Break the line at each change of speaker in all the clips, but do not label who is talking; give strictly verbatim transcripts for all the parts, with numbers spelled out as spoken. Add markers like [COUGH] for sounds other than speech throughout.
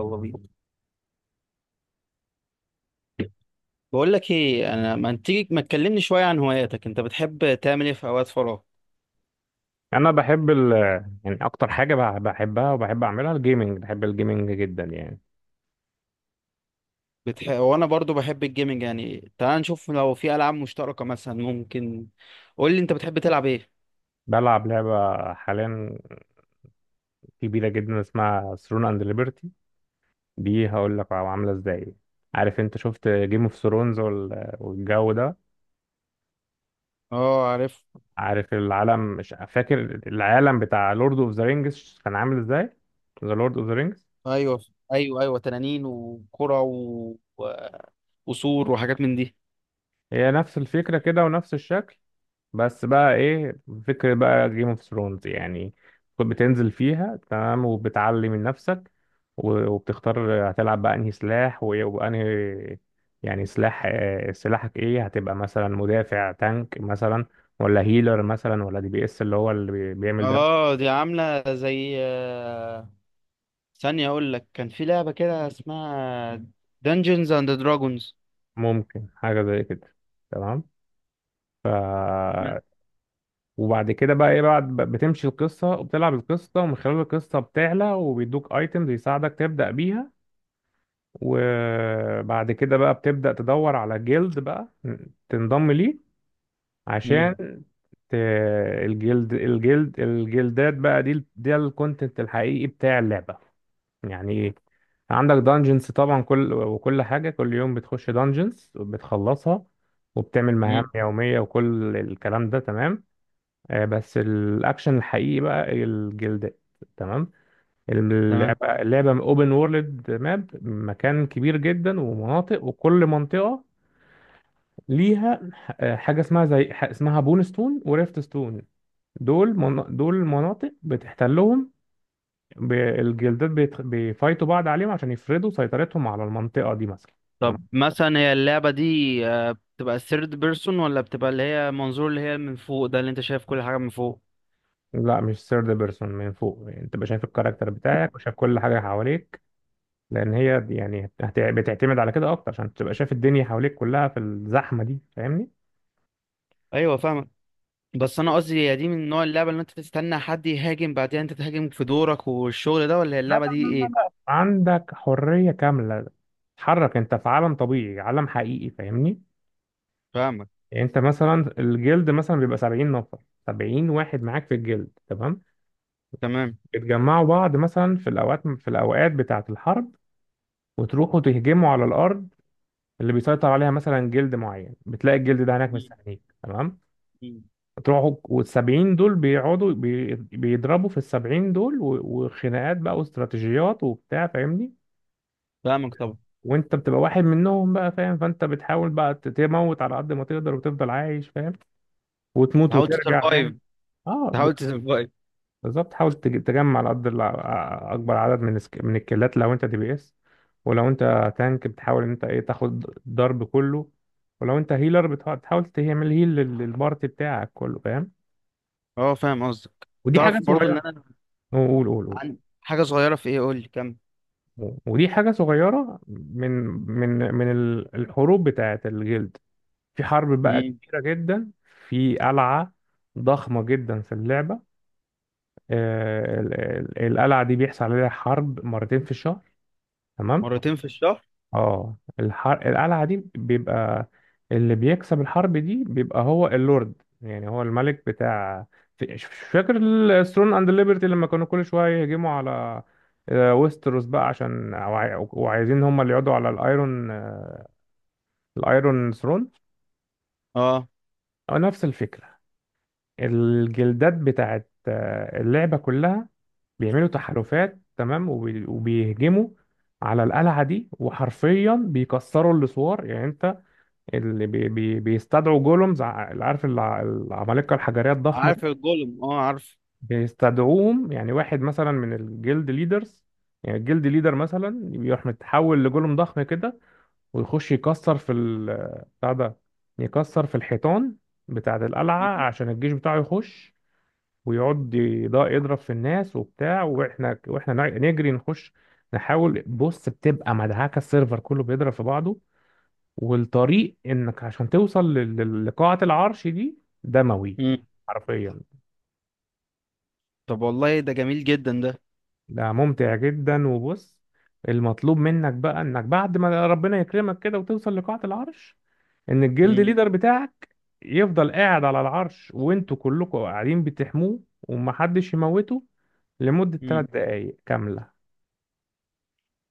يلا بينا. بقول لك ايه، انا ما تيجي ما تكلمني شويه عن هواياتك؟ انت بتحب تعمل ايه في اوقات فراغ؟
يعني انا بحب ال يعني اكتر حاجه بح- بحبها وبحب اعملها الجيمنج، بحب الجيمنج جدا يعني.
بتح... وانا برضو بحب الجيمنج، يعني تعال نشوف لو في العاب مشتركه مثلا ممكن. قول لي انت بتحب تلعب ايه؟
بلعب لعبه حاليا كبيره جدا اسمها ثرون اند ليبرتي، دي هقول لك عامله ازاي. عارف انت شفت جيم اوف ثرونز والجو ده؟
اه عارف.
عارف العالم، مش فاكر العالم بتاع لورد اوف ذا رينجز كان عامل ازاي، ذا لورد اوف ذا رينجز.
ايوه ايوه ايوه، تنانين وكره و... و... وسور وحاجات من دي.
هي نفس الفكره كده ونفس الشكل، بس بقى ايه، فكرة بقى جيم اوف ثرونز يعني. بتنزل فيها تمام وبتعلي من نفسك، و- وبتختار هتلعب بقى انهي سلاح وايه وانهي، يعني سلاح، آه، سلاحك ايه، هتبقى مثلا مدافع تانك مثلا، ولا هيلر مثلا ولا دي بي اس اللي هو اللي بي- بيعمل ده.
اه دي عامله زي آه، ثانيه اقول لك، كان في لعبه كده اسمها Dungeons and Dragons.
ممكن حاجة زي كده تمام. وبعد كده بقى ايه، بعد ب- بتمشي القصة وبتلعب القصة، ومن خلال القصة بتعلى وبيدوك ايتمز يساعدك تبدأ بيها. وبعد كده بقى بتبدأ تدور على جلد بقى تنضم ليه، عشان
امم
ت... الجلد الجلد الجلدات بقى دي ده الكونتنت الحقيقي بتاع اللعبة. يعني ايه، عندك دانجنز طبعا، كل وكل حاجة كل يوم بتخش دانجنز وبتخلصها، وبتعمل مهام
امم
يومية وكل الكلام ده تمام. آه، بس الأكشن الحقيقي بقى الجلدات. تمام،
تمام.
اللعبة اللعبة اوبن وورلد، ماب مكان كبير جدا ومناطق، وكل منطقة ليها ح- حاجة اسمها، زي ح- اسمها بون ستون وريفت ستون. دول من... دول مناطق بتحتلهم، ب- الجلدات بيت... بيفايتوا بعض عليهم عشان يفرضوا سيطرتهم على المنطقة دي مثلا. تمام.
طب مثلا هي اللعبة دي، آه، بتبقى الثيرد بيرسون ولا بتبقى اللي هي منظور، اللي هي من فوق ده اللي انت شايف كل حاجة من فوق؟
لا مش ثيرد بيرسون من فوق، يعني انت بقى شايف الكاركتر بتاعك وشايف كل حاجة حواليك، لأن هي يعني هت- بتعتمد على كده أكتر عشان تبقى شايف الدنيا حواليك كلها في الزحمة دي، فاهمني.
ايوه فاهمك. بس انا قصدي، هي دي من نوع اللعبة اللي انت تستنى حد يهاجم بعدين انت تهاجم في دورك والشغل ده، ولا هي
لا
اللعبة
لا،
دي
لا
ايه؟
لا، عندك حرية كاملة، تتحرك انت في عالم طبيعي، عالم حقيقي، فاهمني.
فاهمك.
يعني انت مثلا الجلد مثلا بيبقى سبعين نفر، سبعين واحد معاك في الجلد تمام.
تمام.
بتجمعوا بعض مثلا في الاوقات في الاوقات بتاعة الحرب، وتروحوا تهجموا على الارض اللي بيسيطر عليها مثلا جلد معين، بتلاقي الجلد ده هناك
مم.
مستنيك تمام.
مم.
تروحوا، والسبعين دول بيقعدوا بي- بيضربوا في السبعين دول، و- وخناقات بقى واستراتيجيات وبتاع، فاهمني.
فاهمك طبعا.
وانت بتبقى واحد منهم بقى، فاهم؟ فانت بتحاول بقى ت- تموت على قد ما تقدر وتفضل عايش، فاهم؟ وتموت
تحاول
وترجع،
تسرفايف،
فاهم؟ اه، ب-
تحاول تسرفايف.
بالظبط، حاول تج- تجمع على قد الع- ع- اكبر عدد من السك... من الكيلات لو انت دي بي اس، ولو انت تانك بتحاول ان انت ايه تاخد الضرب كله، ولو انت هيلر بتح- بتحاول تعمل هيل لل- للبارت بتاعك كله، فاهم.
اه فاهم قصدك.
ودي حاجه
تعرف برضو
صغيره.
ان انا
قول، قول، قول.
عن حاجة صغيرة في ايه؟ قول لي كم.
ودي حاجه صغيره من من من ال- الحروب بتاعت الجلد. في حرب بقى
مم.
كبيرة جدا في قلعة ضخمة جدا في اللعبة. آه، ال- ال- القلعة دي بيحصل عليها حرب مرتين في الشهر تمام.
مرتين في الشهر؟
اه الحر... القلعة دي بيبقى اللي بيكسب الحرب دي بيبقى هو اللورد، يعني هو الملك بتاع، في- مش فاكر، الثرون اند ليبرتي لما كانوا كل شوية يهجموا على، آه، ويستروس بقى، عشان وعايزين هم اللي يقعدوا على الايرون آه، الايرون ثرون.
اه
آه، نفس الفكرة. الجلدات بتاعت آه، اللعبة كلها بيعملوا تحالفات تمام، وبي- وبيهجموا على القلعة دي، وحرفيا بيكسروا السور. يعني انت اللي بي بي بيستدعوا جولومز، ع- اللي عارف الع- العمالقة الحجرية الضخمة دي،
عارف الجولم، اه عارف.
بيستدعوهم. يعني واحد مثلا من الجلد ليدرز، يعني الجلد ليدر مثلا يروح متحول لجولوم ضخم كده، ويخش يكسر في ال بتاع ده، يكسر في الحيطان بتاعة القلعة عشان الجيش بتاعه يخش ويقعد يض- يضرب في الناس وبتاع، واحنا واحنا نع- نجري نخش نحاول، بص، بتبقى مدعكه، السيرفر كله بيضرب في بعضه، والطريق انك عشان توصل لل- لل- لقاعه العرش دي دموي
مم.
حرفيا.
طب والله ده جميل جدا ده.
ده ممتع جدا. وبص، المطلوب منك بقى انك بعد ما ربنا يكرمك كده وتوصل لقاعه العرش، ان الجلد
مم.
ليدر بتاعك يفضل قاعد على العرش وانتوا كلكم قاعدين بتحموه ومحدش يموته لمدة
مم.
ثلاث دقايق كاملة.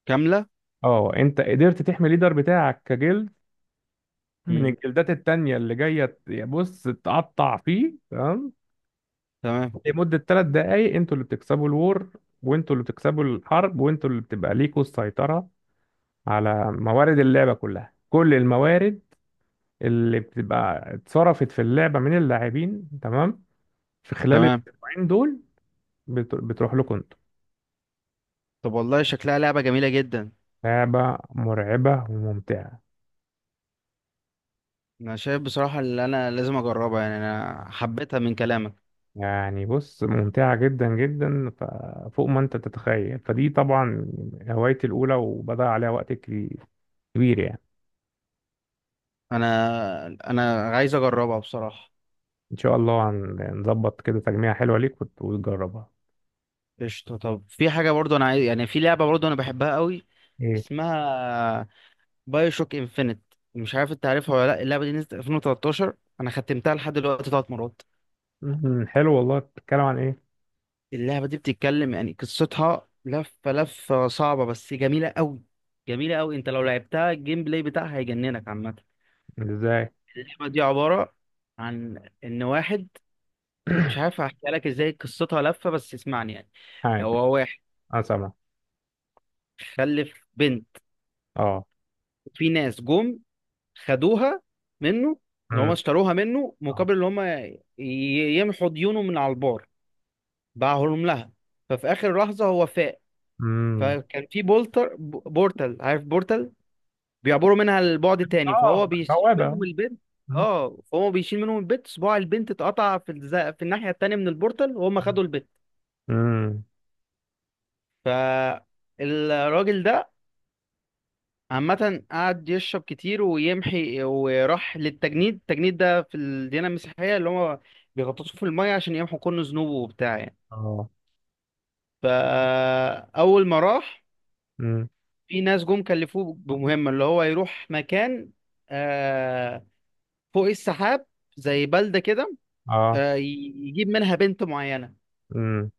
كاملة.
اه انت قدرت تحمي الليدر بتاعك كجلد من
مم.
الجلدات التانية اللي جاية ت- يا بص تقطع فيه تمام،
تمام.
لمدة ثلاث دقايق، انتوا اللي بتكسبوا الور، وانتوا اللي بتكسبوا الحرب، وانتوا اللي بتبقى ليكوا السيطرة على موارد اللعبة كلها، كل الموارد اللي بتبقى اتصرفت في اللعبة من اللاعبين تمام في خلال
تمام.
الأسبوعين دول بت- بتروح لكم انتوا.
طب والله شكلها لعبة جميلة جدا،
لعبة مرعبة وممتعة.
انا شايف بصراحة اللي انا لازم اجربها، يعني انا حبيتها من كلامك.
يعني بص، ممتعة جدا جدا، ف- فوق ما انت تتخيل. فدي طبعا هوايتي الأولى وبدأ عليها وقت كبي- كبير يعني.
انا انا عايز اجربها بصراحة.
إن شاء الله هن- هنظبط كده تجميعة حلوة ليك وت- وتجربها.
قشطة. طب في حاجة برضو انا عايز، يعني في لعبة برضو انا بحبها قوي،
ايه؟
اسمها بايو شوك انفينيت. مش عارف انت عارفها ولا لا؟ اللعبة دي نزلت الفين وتلتاشر، انا ختمتها لحد دلوقتي ثلاث مرات.
مم، حلو والله، بتتكلم عن ايه؟
اللعبة دي بتتكلم، يعني قصتها لفة لفة صعبة بس جميلة أوي، جميلة أوي. أنت لو لعبتها الجيم بلاي بتاعها هيجننك عامة.
ازاي؟
اللعبة دي عبارة عن إن واحد، مش عارف
[CLEARS THROAT]
أحكي لك إزاي، قصتها لفة، بس اسمعني يعني.
معاك،
هو واحد
انا سامع.
خلف بنت،
اه.
في ناس جم خدوها منه، إن هما
مم،
اشتروها منه
اه.
مقابل إن هما ي- يمحوا ديونه من على البار، باعهم لها. ففي آخر لحظة هو فاق،
مم.
فكان في بولتر بورتال، عارف بورتال بيعبروا منها البعد تاني،
آه،
فهو بيشيل
بوابة.
منهم البنت.
مم،
اه فهو بيشيل منهم البنت، صباع البنت اتقطع في الز... في الناحية التانية من البورتال، وهم
مم،
خدوا البنت.
مم،
فالراجل ده عامة قعد يشرب كتير ويمحي، وراح للتجنيد. التجنيد ده في الديانة المسيحية اللي هو بيغطسوه في المية عشان يمحوا كل ذنوبه وبتاع يعني.
اه،
فأول ما راح،
مم،
في ناس جم كلفوه بمهمة، اللي هو يروح مكان آه، فوق السحاب، زي بلدة كده،
اه.
آه، ي- يجيب منها بنت معينة.
مم.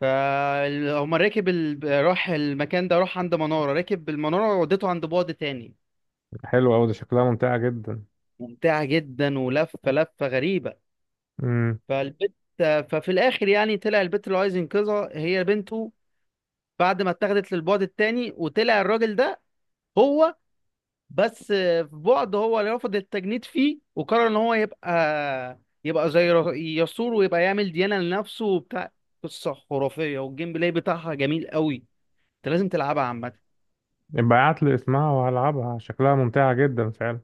فهم ركب ال... راح المكان ده، راح عند منارة، ركب المنارة ودته عند بعد تاني.
حلو أوي، ده شكلها ممتعة جدا.
ممتعة جدا ولفة لفة غريبة. فالبت، ففي الآخر يعني طلع البت اللي عايز ينقذها هي بنته، بعد ما اتاخدت للبعد التاني. وطلع الراجل ده هو، بس في بعد هو اللي رفض التجنيد فيه، وقرر ان هو يبقى يبقى زي ر- يسور، ويبقى يعمل ديانة لنفسه وبتاع. قصة خرافية والجيم بلاي بتاعها جميل قوي، انت لازم تلعبها عامة.
يبقى ابعت لي اسمها وهلعبها، شكلها ممتعة جدا فعلا.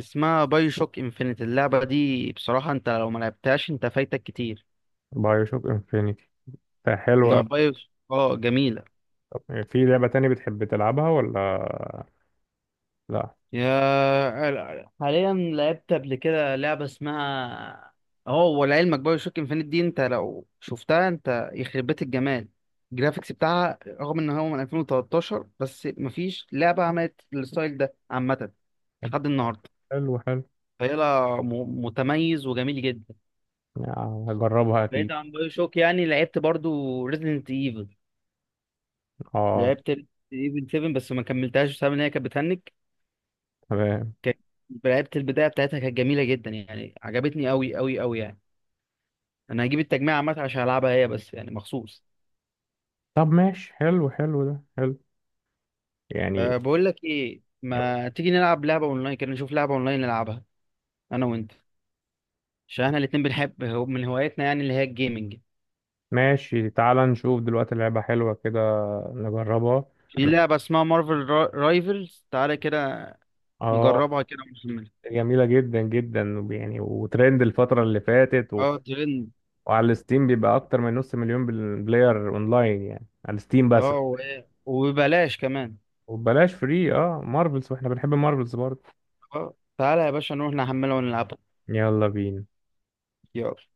اسمها باي شوك انفينيت، اللعبة دي بصراحة انت لو ما لعبتهاش انت فايتك كتير.
بايو شوك انفينيتي، ده حلو
انها
أوي.
باي، اه جميلة.
طب في لعبة تاني بتحب تلعبها ولا لا؟
يا حاليا لعبت قبل كده لعبة اسمها، اه، ولعلمك باي شوك انفينيت دي، انت لو شفتها انت يخرب بيت الجمال. الجرافيكس بتاعها رغم ان هو من الفين وتلتاشر، بس مفيش لعبة عملت الستايل ده عامة
طب
لحد النهاردة.
حلو، حلو،
فهي لا- م- متميز وجميل جدا.
يعني هجربها
بعيد
اكيد.
عن بايو شوك، يعني لعبت برضو ريزدنت ايفل،
اه
لعبت ايفل سبعة، بس ما كملتهاش بسبب ان هي كانت بتهنج.
تمام.
كان- لعبت البدايه بتاعتها كانت جميله جدا، يعني عجبتني قوي قوي قوي يعني. انا هجيب التجميع عامه عشان العبها هي بس يعني مخصوص.
طب ماشي، حلو، حلو، ده حلو يعني.
أه بقول لك ايه، ما تيجي نلعب لعبه اونلاين كده، نشوف لعبه اونلاين نلعبها انا وانت، عشان احنا الاتنين بنحب هو- من هواياتنا يعني اللي هي الجيمنج.
ماشي، تعال نشوف دلوقتي لعبة حلوة كده نجربها.
في لعبه اسمها مارفل رايفلز، تعالى كده
اه،
نجربها كده ونكملها.
جميلة جدا جدا، وب- يعني وترند الفترة اللي فاتت و...
اه ترند.
وعلى ستيم بيبقى أكتر من نص مليون بال- بلاير أونلاين، يعني على ستيم بس.
اه و- وببلاش كمان.
وبلاش فري، اه، مارفلز، واحنا بنحب مارفلز برضه.
آه. تعالى يا باشا نروح نحمله ونلعبه.
يلا بينا.
يلا.